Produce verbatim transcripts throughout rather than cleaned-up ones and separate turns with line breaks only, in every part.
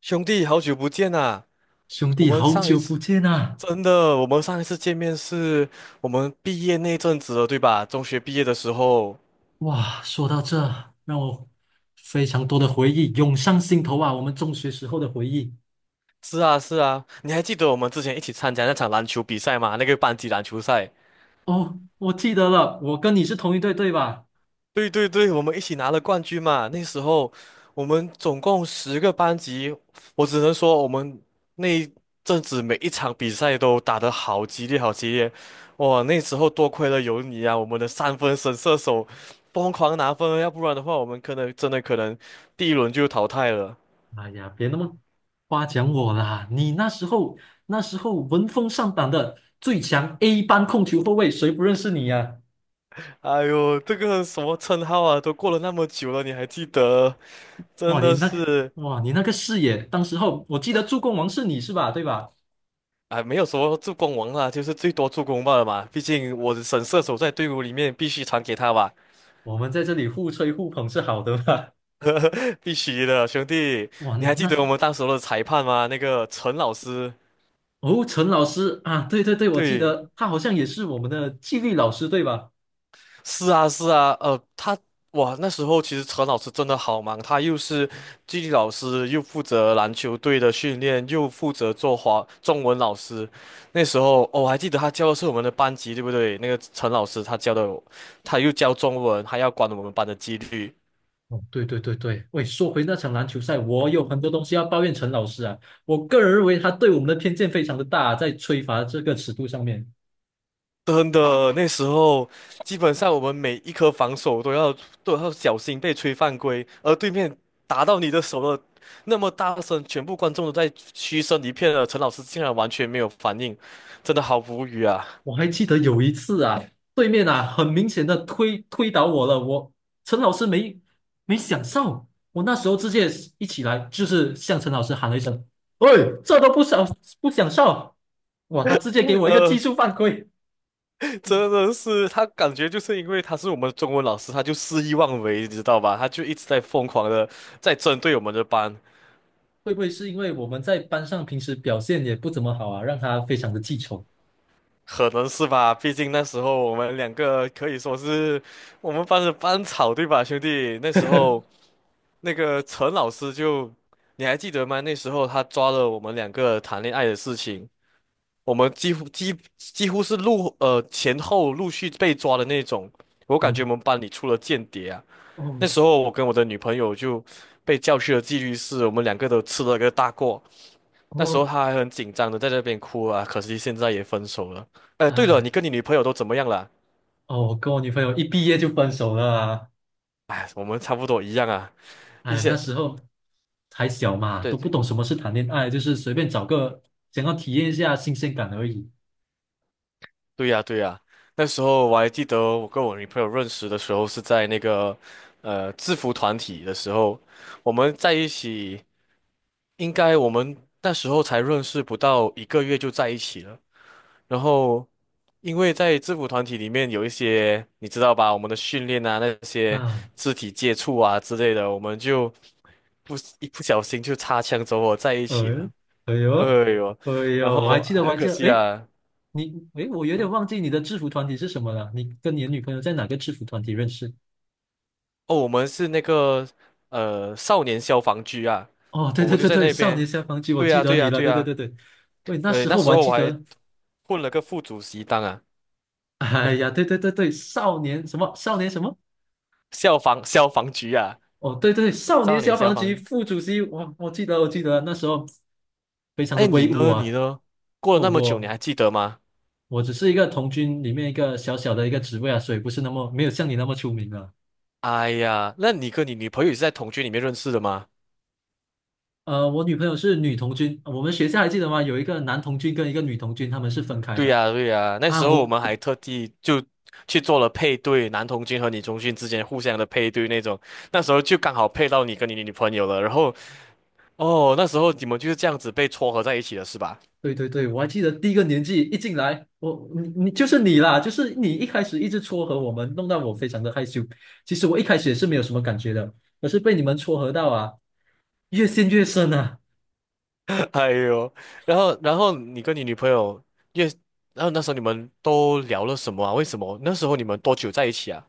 兄弟，好久不见啊！
兄
我
弟，
们
好
上一
久不
次
见啊！
真的，我们上一次见面是我们毕业那阵子了，对吧？中学毕业的时候。
哇，说到这，让我非常多的回忆涌上心头啊，我们中学时候的回忆。
是啊，是啊，你还记得我们之前一起参加那场篮球比赛吗？那个班级篮球赛。
哦，我记得了，我跟你是同一队，对吧？
对对对，我们一起拿了冠军嘛。那时候我们总共十个班级，我只能说我们那一阵子每一场比赛都打得好激烈，好激烈。哇，那时候多亏了有你啊，我们的三分神射手疯狂拿分，要不然的话我们可能真的可能第一轮就淘汰了。
哎呀，别那么夸奖我啦！你那时候那时候闻风丧胆的最强 A 班控球后卫，谁不认识你呀。
哎呦，这个什么称号啊，都过了那么久了，你还记得？真
哇，你
的
那个
是。
哇，你那个视野，当时候我记得助攻王是你是吧？对吧？
啊，没有说助攻王啦，就是最多助攻罢了嘛。毕竟我的神射手在队伍里面，必须传给他吧，
我们在这里互吹互捧是好的吧？
必须的，兄弟。
哇，
你还记
那
得我们当时的裁判吗？那个陈老师，
哦，陈老师啊，对对对，我记
对，
得他好像也是我们的纪律老师，对吧？
是啊，是啊，呃，他哇，那时候其实陈老师真的好忙，他又是纪律老师，又负责篮球队的训练，又负责做华中文老师。那时候，哦，我还记得他教的是我们的班级，对不对？那个陈老师他教的，他又教中文，还要管我们班的纪律。
哦，对对对对，喂，说回那场篮球赛，我有很多东西要抱怨陈老师啊。我个人认为他对我们的偏见非常的大，在吹罚这个尺度上面，
真的，那时候基本上我们每一颗防守都要都要小心被吹犯规，而对面打到你的手了，那么大声，全部观众都在嘘声一片了，陈老师竟然完全没有反应，真的好无语啊！
我还记得有一次啊，对面啊很明显的推推倒我了，我陈老师没没享受，我那时候直接一起来就是向陈老师喊了一声：“喂，这都不享不享受！”哇，他直接给 我一个技
呃，
术犯规。
真的是他感觉就是因为他是我们中文老师，他就肆意妄为，你知道吧？他就一直在疯狂的在针对我们的班。
会不会是因为我们在班上平时表现也不怎么好啊，让他非常的记仇？
可能是吧，毕竟那时候我们两个可以说是我们班的班草，对吧，兄弟？那时候。那个陈老师就，你还记得吗？那时候他抓了我们两个谈恋爱的事情，我们几乎几几乎是陆呃前后陆续被抓的那种。我感
我
觉我们班里出了间谍啊！
哦
那时候我跟我的女朋友就被叫去了纪律室，我们两个都吃了个大过。那时候
哦，
他还很紧张的在那边哭啊，可惜现在也分手了。哎，对了，
哎
你跟你女朋友都怎么样了？
哦，我跟我女朋友一毕业就分手了啊！
哎，我们差不多一样啊，一
哎，那
些。
时候还小嘛，
对
都不
对
懂什么是谈恋爱，就是随便找个想要体验一下新鲜感而已
对呀，对呀，那时候我还记得我跟我女朋友认识的时候是在那个呃制服团体的时候，我们在一起，应该我们那时候才认识不到一个月就在一起了。然后，因为在制服团体里面有一些你知道吧，我们的训练啊，那些
啊。
肢体接触啊之类的，我们就不一不小心就擦枪走火在一起
呃，
了。
哎
哎
呦，
呦，
哎
然
呦，我还
后
记得，我
很
还
可
记得，
惜
哎，
啊。
你，哎，我有点
嗯
忘记你的制服团体是什么了。你跟你的女朋友在哪个制服团体认识？
哦，我们是那个呃少年消防局啊，
哦，对
我
对
们就
对
在
对，
那
少年
边。
消防局，我
对
记
呀，
得
对
你
呀，
了，
对
对对
呀，
对对。喂，那
对，
时
那
候我
时
还
候
记
我还
得。
混了个副主席当啊，
哎呀，对对对对，少年什么少年什么，
消防消防局啊，
哦，对对，少年
少年
消
消
防局
防。
副主席，我我记得我记得那时候非常的
哎，你
威武
呢？你
啊。
呢？过了
哦，
那么久，你还
我
记得吗？
我只是一个童军里面一个小小的一个职位啊，所以不是那么没有像你那么出名啊。
哎呀，那你跟你女朋友也是在同居里面认识的吗？
呃，我女朋友是女童军，我们学校还记得吗？有一个男童军跟一个女童军，他们是分开
对
的
呀，对呀，那
啊，
时候我
我。
们还特地就去做了配对，男同军和女同军之间互相的配对那种，那时候就刚好配到你跟你女朋友了，然后。哦，那时候你们就是这样子被撮合在一起的是吧？
对对对，我还记得第一个年纪一进来，我你你就是你啦，就是你一开始一直撮合我们，弄到我非常的害羞。其实我一开始也是没有什么感觉的，可是被你们撮合到啊，越陷越深啊！
哎呦，然后然后你跟你女朋友也，然后那时候你们都聊了什么啊？为什么那时候你们多久在一起啊？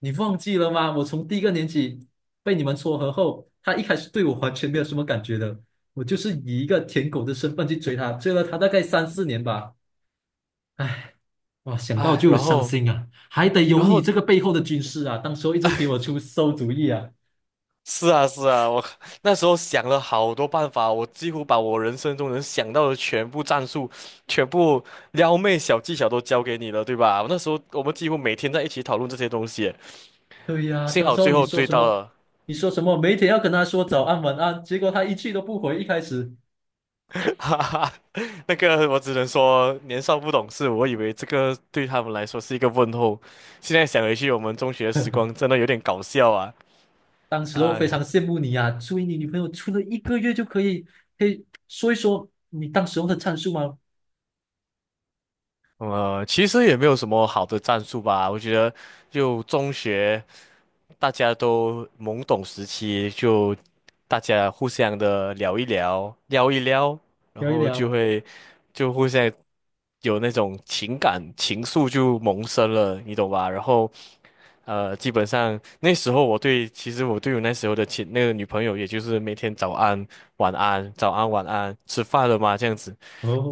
你忘记了吗？我从第一个年级被你们撮合后，他一开始对我完全没有什么感觉的，我就是以一个舔狗的身份去追他，追了他大概三四年吧。哇，想到
哎，
就
然
伤
后
心啊！还得有
然
你
后
这个背后的军师啊，当时候一直给我 出馊主意啊。
是啊是啊，我 那时候想了好多办法，我几乎把我人生中能想到的全部战术、全部撩妹小技巧都教给你了，对吧？那时候我们几乎每天在一起讨论这些东西，
对呀，
幸
当
好
时候
最
你
后
说
追
什
到
么？
了。
你说什么？每天要跟他说早安晚安，结果他一句都不回。一开始，
哈哈，那个我只能说年少不懂事，我以为这个对他们来说是一个问候，现在想回去，我们中学时 光真的有点搞笑啊！
当时候
哎
非
呀，
常羡慕你呀，所以你女朋友处了一个月就可以，可以说一说你当时候的战术吗？
呃，其实也没有什么好的战术吧，我觉得就中学大家都懵懂时期，就大家互相的聊一聊，撩一撩，然
聊一
后就
聊。
会就互相有那种情感情愫就萌生了，你懂吧？然后呃，基本上那时候我对，其实我对我那时候的前那个女朋友，也就是每天早安、晚安、早安、晚安，吃饭了吗？这样子，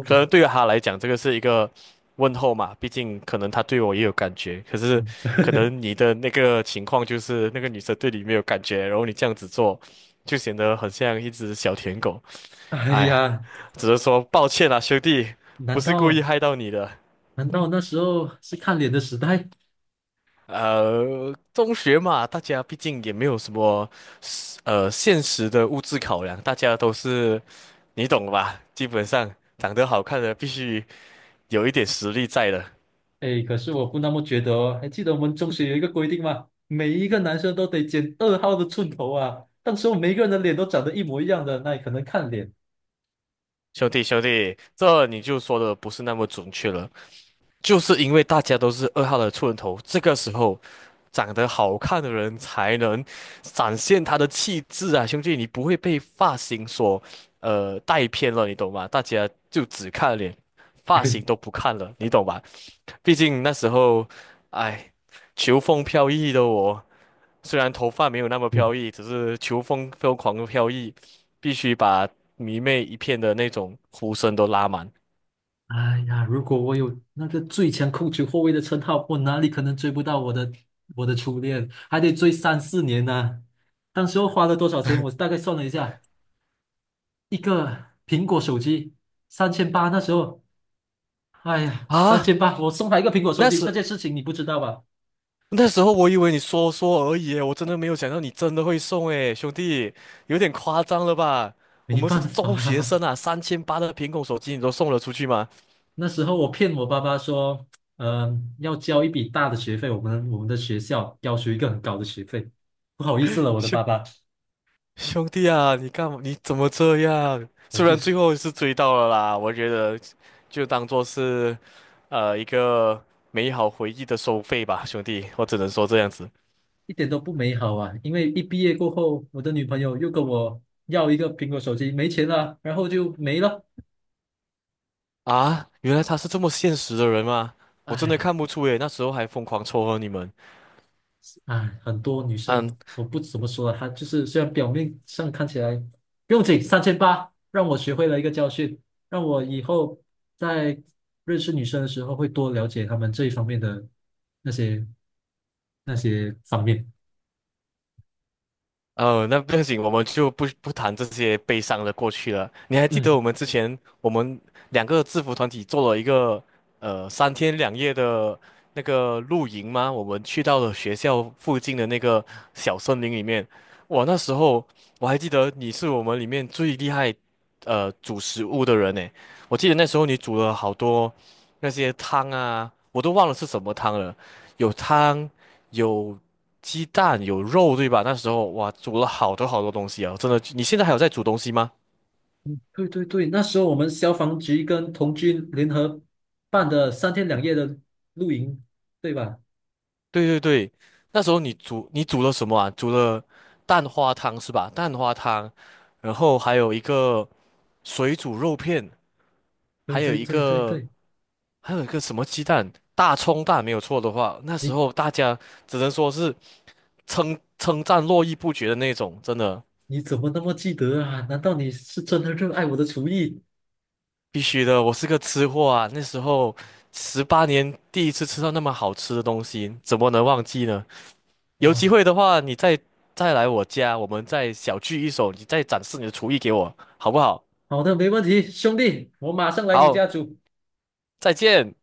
可能对于她来讲，这个是一个问候嘛，毕竟可能她对我也有感觉。可是，可 能你的那个情况就是那个女生对你没有感觉，然后你这样子做，就显得很像一只小舔狗。
哎
哎呀，
呀，
只能说抱歉啦，兄弟，不
难
是故
道
意害到你的。
难道那时候是看脸的时代？
呃，中学嘛，大家毕竟也没有什么。呃，现实的物质考量，大家都是你懂的吧？基本上长得好看的必须有一点实力在的。
哎，可是我不那么觉得哦。还记得我们中学有一个规定吗？每一个男生都得剪二号的寸头啊。当时候每一个人的脸都长得一模一样的，那也可能看脸。
兄弟，兄弟，这你就说的不是那么准确了，就是因为大家都是二号的出人头，这个时候长得好看的人才能展现他的气质啊，兄弟，你不会被发型所呃带偏了，你懂吗？大家就只看脸，发型都不看了，你懂吧？毕竟那时候，哎，求风飘逸的我。虽然头发没有那么
嗯。
飘逸，只是球风疯狂的飘逸，必须把迷妹一片的那种呼声都拉满
哎呀，如果我有那个最强控球后卫的称号，我哪里可能追不到我的我的初恋？还得追三四年呢。当时候花了多少钱？我大概算了一下，一个苹果手机三千八，那时候，哎呀，三
啊！
千八，我送他一个苹果手
那
机，这
时
件事情你不知道吧？
那时候我以为你说说而已我真的没有想到你真的会送诶，兄弟，有点夸张了吧？我
没
们是
办
中学
法，
生啊，三千八的苹果手机你都送了出去吗？
那时候我骗我爸爸说，嗯、要交一笔大的学费，我们我们的学校要求一个很高的学费，不好意思了，我的爸 爸。
兄弟啊，你干嘛？你怎么这样？
我
虽
就
然最
是
后是追到了啦，我觉得就当做是呃一个美好回忆的收费吧，兄弟，我只能说这样子
一点都不美好啊！因为一毕业过后，我的女朋友又跟我要一个苹果手机，没钱了，然后就没了。
啊。原来他是这么现实的人吗？我真的
唉，
看不出诶，那时候还疯狂撮合你们。
唉，很多女生
嗯。
我不怎么说了，她就是虽然表面上看起来不用紧，三千八让我学会了一个教训，让我以后在认识女生的时候会多了解她们这一方面的那些那些方面。
哦，那不要紧，我们就不不谈这些悲伤的过去了。你还记得
嗯，
我们之前我们两个制服团体做了一个呃三天两夜的那个露营吗？我们去到了学校附近的那个小森林里面。哇，那时候我还记得你是我们里面最厉害呃煮食物的人呢。我记得那时候你煮了好多那些汤啊，我都忘了是什么汤了，有汤。有鸡蛋有肉，对吧？那时候哇，煮了好多好多东西啊，真的。你现在还有在煮东西吗？
对对对，那时候我们消防局跟童军联合办的三天两夜的露营，对吧？
对对对，那时候你煮你煮了什么啊？煮了蛋花汤是吧？蛋花汤，然后还有一个水煮肉片，还
对
有
对
一
对对
个
对，
还有一个什么鸡蛋，大葱蛋，没有错的话，那时
你
候大家只能说是称称赞络绎不绝的那种，真的
你怎么那么记得啊？难道你是真的热爱我的厨艺？
必须的。我是个吃货啊，那时候十八年第一次吃到那么好吃的东西，怎么能忘记呢？有机
哇，
会的话，你再再来我家，我们再小聚一手，你再展示你的厨艺给我，好不好？
好的，没问题，兄弟，我马上来你家
好，
煮。
再见。